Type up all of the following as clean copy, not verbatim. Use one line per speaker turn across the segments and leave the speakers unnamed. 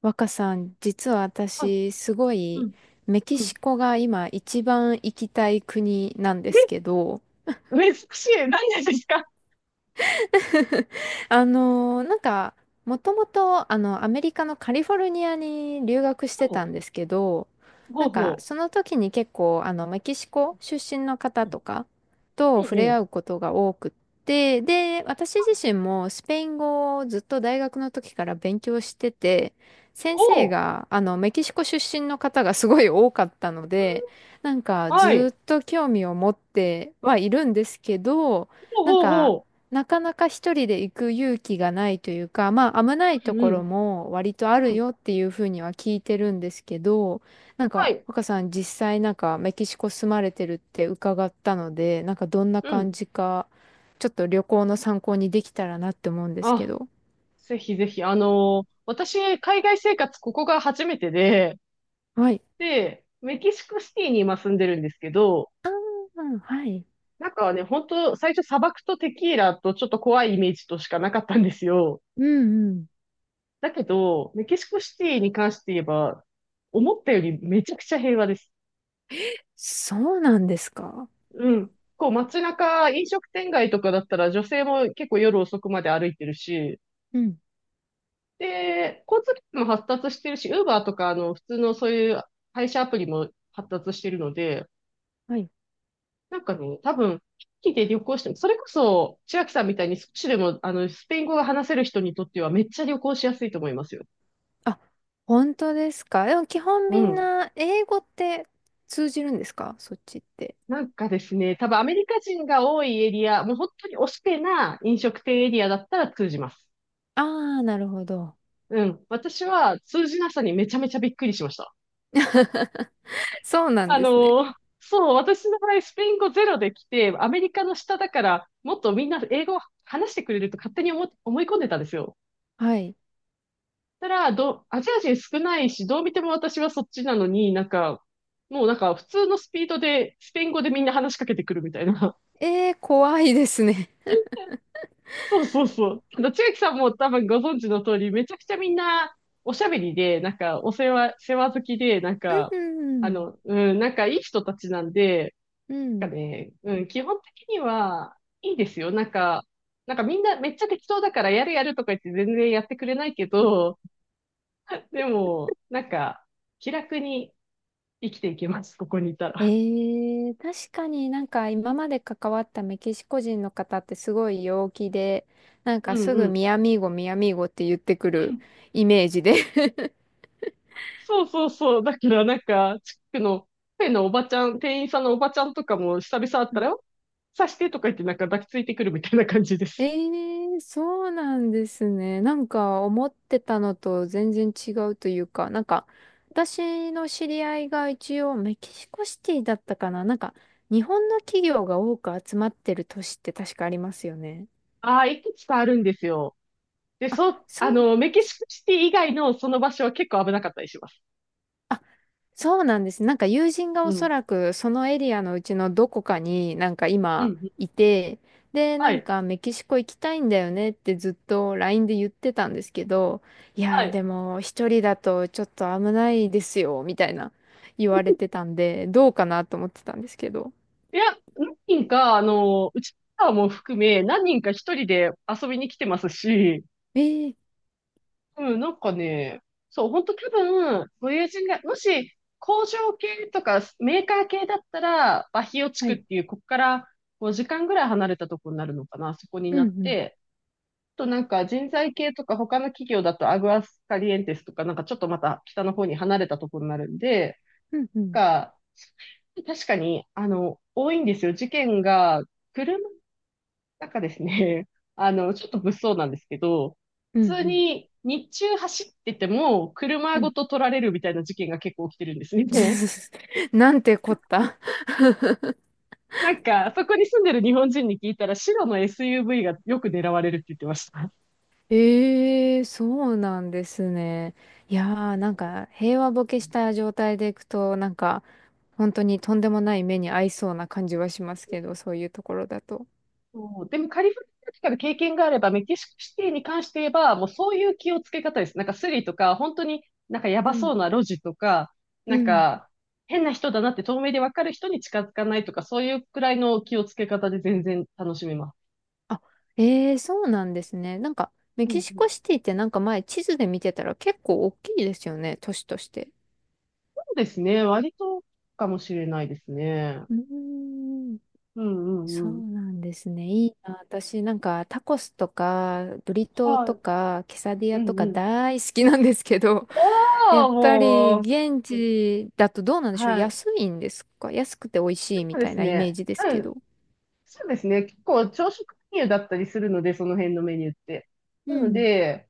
若さん、実は
はい。
私、すご
う
い、
ん。
メキ
う
シ
ん。
コが今一番行きたい国なんで
え、
すけど、
珍しい。何がですか？
あのーなんか、もともと、アメリカのカリフォルニアに留学して
ほ
たんですけど、
うほ
な
う
んか、
ほ
その時に結構、メキシコ出身の方
う。うん。
とかと
うん
触
う
れ合
ん。
うことが多くって、で、私自身もスペイン語をずっと大学の時から勉強してて、先
お
生
お。
が、メキシコ出身の方がすごい多かったので、なんか、
うん。はい。
ずっと興味を持ってはいるんですけど、
ほう
なん
ほう
か、
ほ
なかなか一人で行く勇気がないというか、まあ危ない
う。う
と
ん
こ
う
ろ
ん。
も割とあ
う
る
ん。
よっていうふうには聞いてるんですけど、なん
は
か
い。
若さん実際なんかメキシコ住まれてるって伺ったので、なんかどんな
う
感
ん。
じか、ちょっと旅行の参考にできたらなって思うんですけ
あ、
ど。
ぜひぜひ。私、海外生活ここが初めてで、
はい。
で、メキシコシティに今住んでるんですけど、
ああ、はい。
なんかね、本当最初砂漠とテキーラとちょっと怖いイメージとしかなかったんですよ。
うんうん。
だけど、メキシコシティに関して言えば、思ったよりめちゃくちゃ平和です。
そうなんですか。
うん。こう街中、飲食店街とかだったら女性も結構夜遅くまで歩いてるし、
うん。
で、交通機関も発達してるし、ウーバーとかあの普通のそういう配車アプリも発達してるので、
はい。
なんかね、多分、機器で旅行しても、それこそ千秋さんみたいに少しでもあのスペイン語が話せる人にとってはめっちゃ旅行しやすいと思いますよ。
あ、本当ですか。でも基本
う
みん
ん。
な英語って通じるんですかそっちって。
なんかですね、多分アメリカ人が多いエリア、もう本当におしペな飲食店エリアだったら通じます。
ああ、なるほど。
うん。私は通じなさにめちゃめちゃびっくりしました。
そうなん
あ
で
の
すね。
ーそう、私の場合、スペイン語ゼロで来て、アメリカの下だから、もっとみんな英語を話してくれると勝手に思い込んでたんですよ。
はい。
たら、アジア人少ないし、どう見ても私はそっちなのに、なんか、もうなんか普通のスピードで、スペイン語でみんな話しかけてくるみたいな。
えー、怖いですね。
そうそうそう。あの千秋さんも多分ご存知の通り、めちゃくちゃみんなおしゃべりで、なんかお世話、世話好きで、なん
う
か、
ん
うん、なんかいい人たちなんで、
う
なん
ん。
かね、基本的にはいいですよ。なんかみんなめっちゃ適当だからやるやるとか言って全然やってくれないけど、でも、なんか、気楽に生きていけます、ここにいた
え
ら。
ー、確かになんか今まで関わったメキシコ人の方ってすごい陽気で、なん
う
か
ん
す
う
ぐ
ん。
ミアミーゴ、ミアミーゴって言ってくるイメージで
そうそうそう。だからなんか、地区のペンのおばちゃん、店員さんのおばちゃんとかも久々会ったら、刺してとか言ってなんか抱きついてくるみたいな感じで
え
す。
えーそうなんですね。なんか思ってたのと全然違うというか、なんか私の知り合いが一応メキシコシティだったかな。なんか日本の企業が多く集まってる都市って確かありますよね。
ああ、いくつかあるんですよ。で、そう、
そう
メキシコシティ以外のその場所は結構危なかったりします。
あそうなんです。なんか友人が
う
お
ん。う
そ
ん。
らくそのエリアのうちのどこかになんか
う
今
ん。
いて、で、
は
なん
い。
かメキシコ行きたいんだよねってずっと LINE で言ってたんですけど、い
は
やー
い。
でも一人だとちょっと危ないですよ、みたいな言われてたんで、どうかなと思ってたんですけど。
いや、何人か、うちはも含め、何人か一人で遊びに来てますし、
ええ
うん、なんかね、そう、ほんと多分、ご友人が、もし工場系とかメーカー系だったら、バヒオ地
は
区っ
い。
ていう、ここから5時間ぐらい離れたところになるのかな、そこに
う
な
ん
っ
うん。
て、あとなんか人材系とか他の企業だとアグアスカリエンテスとか、なんかちょっとまた北の方に離れたところになるんで、
うんうん。
が、確かに、多いんですよ。事件が、車なんかですね、ちょっと物騒なんですけど、
うんう
普通
ん。
に日中走ってても車
う
ご
ん。
と取られるみたいな事件が結構起きてるんですね。
なんてこった。
なんか、そこに住んでる日本人に聞いたら、白の SUV がよく狙われるって言ってました。
ええそうなんですね。いやー、なんか平和ボケした状態でいくと、なんか本当にとんでもない目に合いそうな感じはしますけど、そういうところだと。
そう、でもカリフォルニアとかで経験があれば、メキシコシティに関して言えば、もうそういう気をつけ方です。なんかスリとか、本当になんかや
う
ば
ん、
そうな路地とか、
う
なん
ん。
か変な人だなって透明でわかる人に近づかないとか、そういうくらいの気をつけ方で全然楽しめます。
あ、ええそうなんですね。なんかメ
う
キ
んう
シ
ん、
コシティってなんか前地図で見てたら結構大きいですよね、都市として。
そうですね。割とかもしれないですね。
うーん。
うんう
そう
んうん。
なんですね。いいな。私なんかタコスとかブリトー
は
と
い。
かケサディア
う
と
ん
か
うん。
大好きなんですけど、やっ
お
ぱり
ー、もう。
現地だとどうなんでしょう。
はい。
安いんですか安くて美味し
な
い
ん
み
かで
たい
す
なイメ
ね。
ージです
う
け
ん。
ど。
そうですね。結構朝食メニューだったりするので、その辺のメニューって。
う
なの
ん。
で、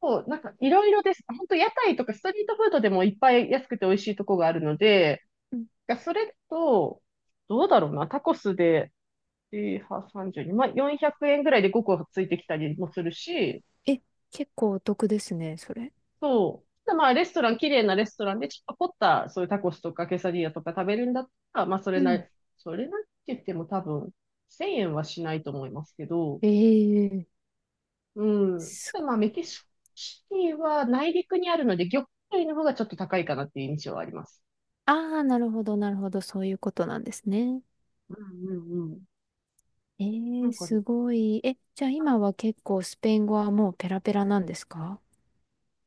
こう、なんかいろいろです。本当屋台とかストリートフードでもいっぱい安くて美味しいとこがあるので、
うん
がそれと、どうだろうな。タコスで、3にまあ、400円ぐらいで5個ついてきたりもするし、
え、結構お得ですね、それ。
そう。ただまあ、レストラン、綺麗なレストランで、ちょっと凝った、そういうタコスとかケサディアとか食べるんだったら、まあ、それ
う
なり、
ん。
それなりって言っても多分、1000円はしないと思いますけど、
ええ
うん。
す
ただ
ご
まあ、
い。
メキシコシティは内陸にあるので、魚介類の方がちょっと高いかなっていう印象はあります。
ああ、なるほど、なるほど。そういうことなんですね。
うんうんうん。な
ええ
んかね、
すごい。え、じゃあ今は結構スペイン語はもうペラペラなんですか？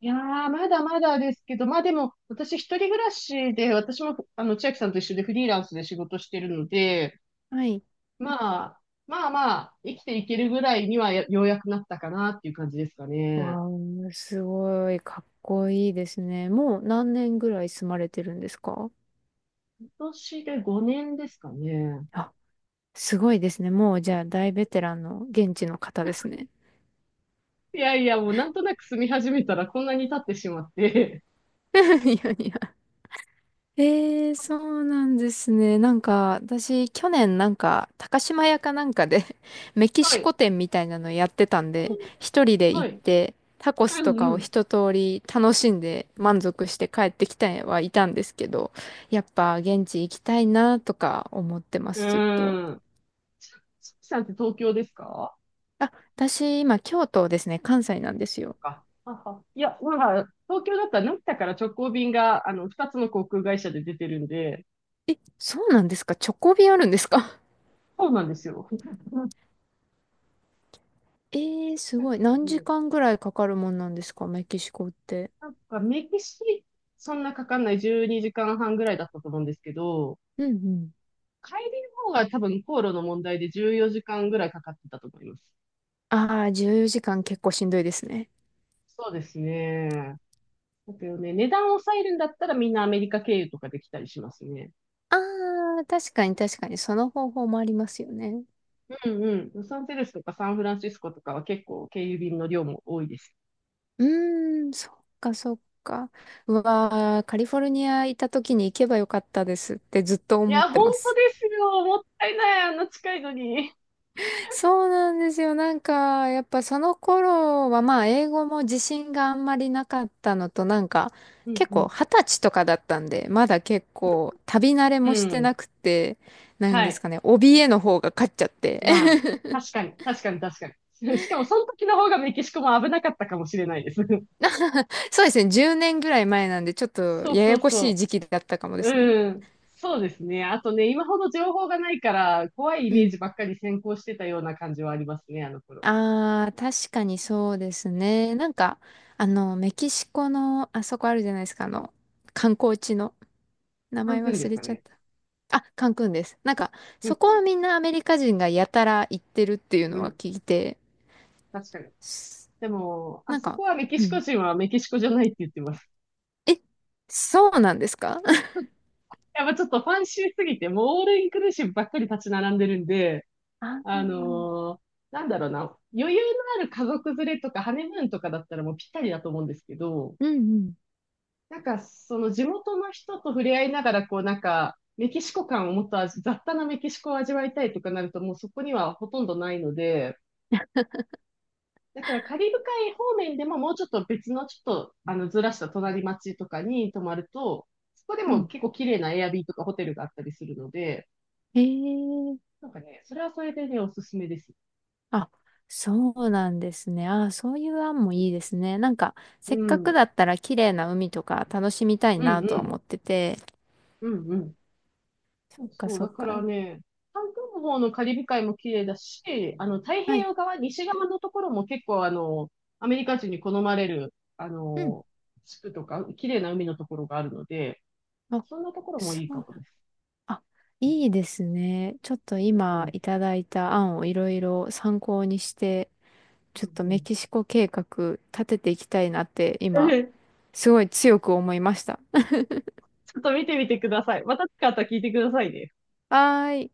いやー、まだまだですけど、まあでも、私一人暮らしで、私も、千秋さんと一緒でフリーランスで仕事してるので、
はい。
まあ、まあまあ、生きていけるぐらいにはやようやくなったかなっていう感じですかね。
わあ、すごい、かっこいいですね。もう何年ぐらい住まれてるんですか？
今年で5年ですかね。
あ、すごいですね。もうじゃあ大ベテランの現地の方ですね。
いやいや、もうなんとなく住み始めたらこんなに経ってしまって。
いやいや。ええそうなんですね。なんか、私、去年なんか、高島屋かなんかで メ キ
は
シ
い。
コ店みたいなのやってたんで、一人で
は
行っ
い。
て、タコス
う
とかを
ん
一通り楽しんで満足して帰ってきたはいたんですけど、やっぱ現地行きたいなとか思ってま
う
す、ずっと。
ん。うーん。しきさんって東京ですか
あ、私、今、京都ですね、関西なんですよ。
か。あ、はい。や、まあ、東京だったら成田から直行便が、二つの航空会社で出てるんで、
そうなんですかチョコ便あるんですか？
そうなんですよ。
え えー、すごい。何時間ぐらいかかるもんなんですかメキシコって。
なんかメキシ、そんなかかんない12時間半ぐらいだったと思うんですけど、
うんうん。
帰りの方が多分航路の問題で14時間ぐらいかかってたと思います。
ああ、14時間結構しんどいですね。
そうですね。だけどね、値段を抑えるんだったらみんなアメリカ経由とかできたりしますね。
ああ、確かに確かに、その方法もありますよね。
うんうん。ロサンゼルスとかサンフランシスコとかは結構経由便の量も多いです。
うーん、そっかそっか。うわー、カリフォルニア行った時に行けばよかったですってずっと
い
思っ
や、
て
本
ま
当
す。
ですよ。もったいない、あんな近いのに。
そうなんですよ。なんか、やっぱその頃は、まあ、英語も自信があんまりなかったのと、なんか、
うん
結
う
構、
ん。
二十歳とかだったんで、まだ結構、旅慣れ
う
もして
ん。
なくて、なん
は
です
い。
かね、怯えの方が勝っちゃって。
まあ、確 かに、確かに、確かに。しかも、その時の方がメキシコも危なかったかもしれないです。
そうですね、10年ぐらい前なんで、ちょっと、
そう
や
そ
や
う
こしい
そ
時期だったかもで
う。
すね。
うん。そうですね。あとね、今ほど情報がないから、怖いイ
う
メー
ん。
ジばっかり先行してたような感じはありますね、あの頃。
ああ、確かにそうですね。なんか、メキシコの、あそこあるじゃないですか、観光地の、名
カン
前
クンで
忘
す
れ
か
ちゃっ
ね。
た。あ、カンクンです。なんか、
う
そ
ん
こはみんなアメリカ人がやたら行ってるっていう
う
の
ん。う
は
ん。
聞いて、
確かに。
す
でも、あ
なん
そ
か、
こはメキ
う
シコ
ん。
人はメキシコじゃないって言ってます。
え、そうなんですか？
やっぱちょっとファンシーすぎて、もうオールインクルーシブばっかり立ち並んでるんで、
あ
あ
ー
のーなんだろうな、余裕のある家族連れとかハネムーンとかだったらもうぴったりだと思うんですけど、
うんうん。
なんかその地元の人と触れ合いながら、こうなんか、メキシコ感をもっと雑多なメキシコを味わいたいとかなるともうそこにはほとんどないので、だからカリブ海方面でももうちょっと別のちょっとずらした隣町とかに泊まると、そこで
う
も
ん。
結構綺麗なエアビーとかホテルがあったりするので、
へえ。
なんかね、それはそれでね、おすすめです。
あ、そうなんですね。あー、そういう案もいいですね。なんか、
う
せっかく
ん。
だったら綺麗な海とか楽しみたい
うんう
なとは
ん。
思ってて。
うんうん。そ
そ
う
っか
そう、
そ
だ
っ
から
か。
ね、韓国の方のカリブ海も綺麗だし、太平
はい。
洋側、西側のところも結構アメリカ人に好まれる、
うん。
地区とか、綺麗な海のところがあるので、
あ、
そんなところも
そ
いいか
う。
もです。
あ
う
いいですね。ちょっと
んう
今
ん。
いただいた案をいろいろ参考にして、ちょっと
うんう
メ
ん。
キシコ計画立てていきたいなって今、すごい強く思いました。
ちょっと見てみてください。また使ったら聞いてくださいね。
はーい。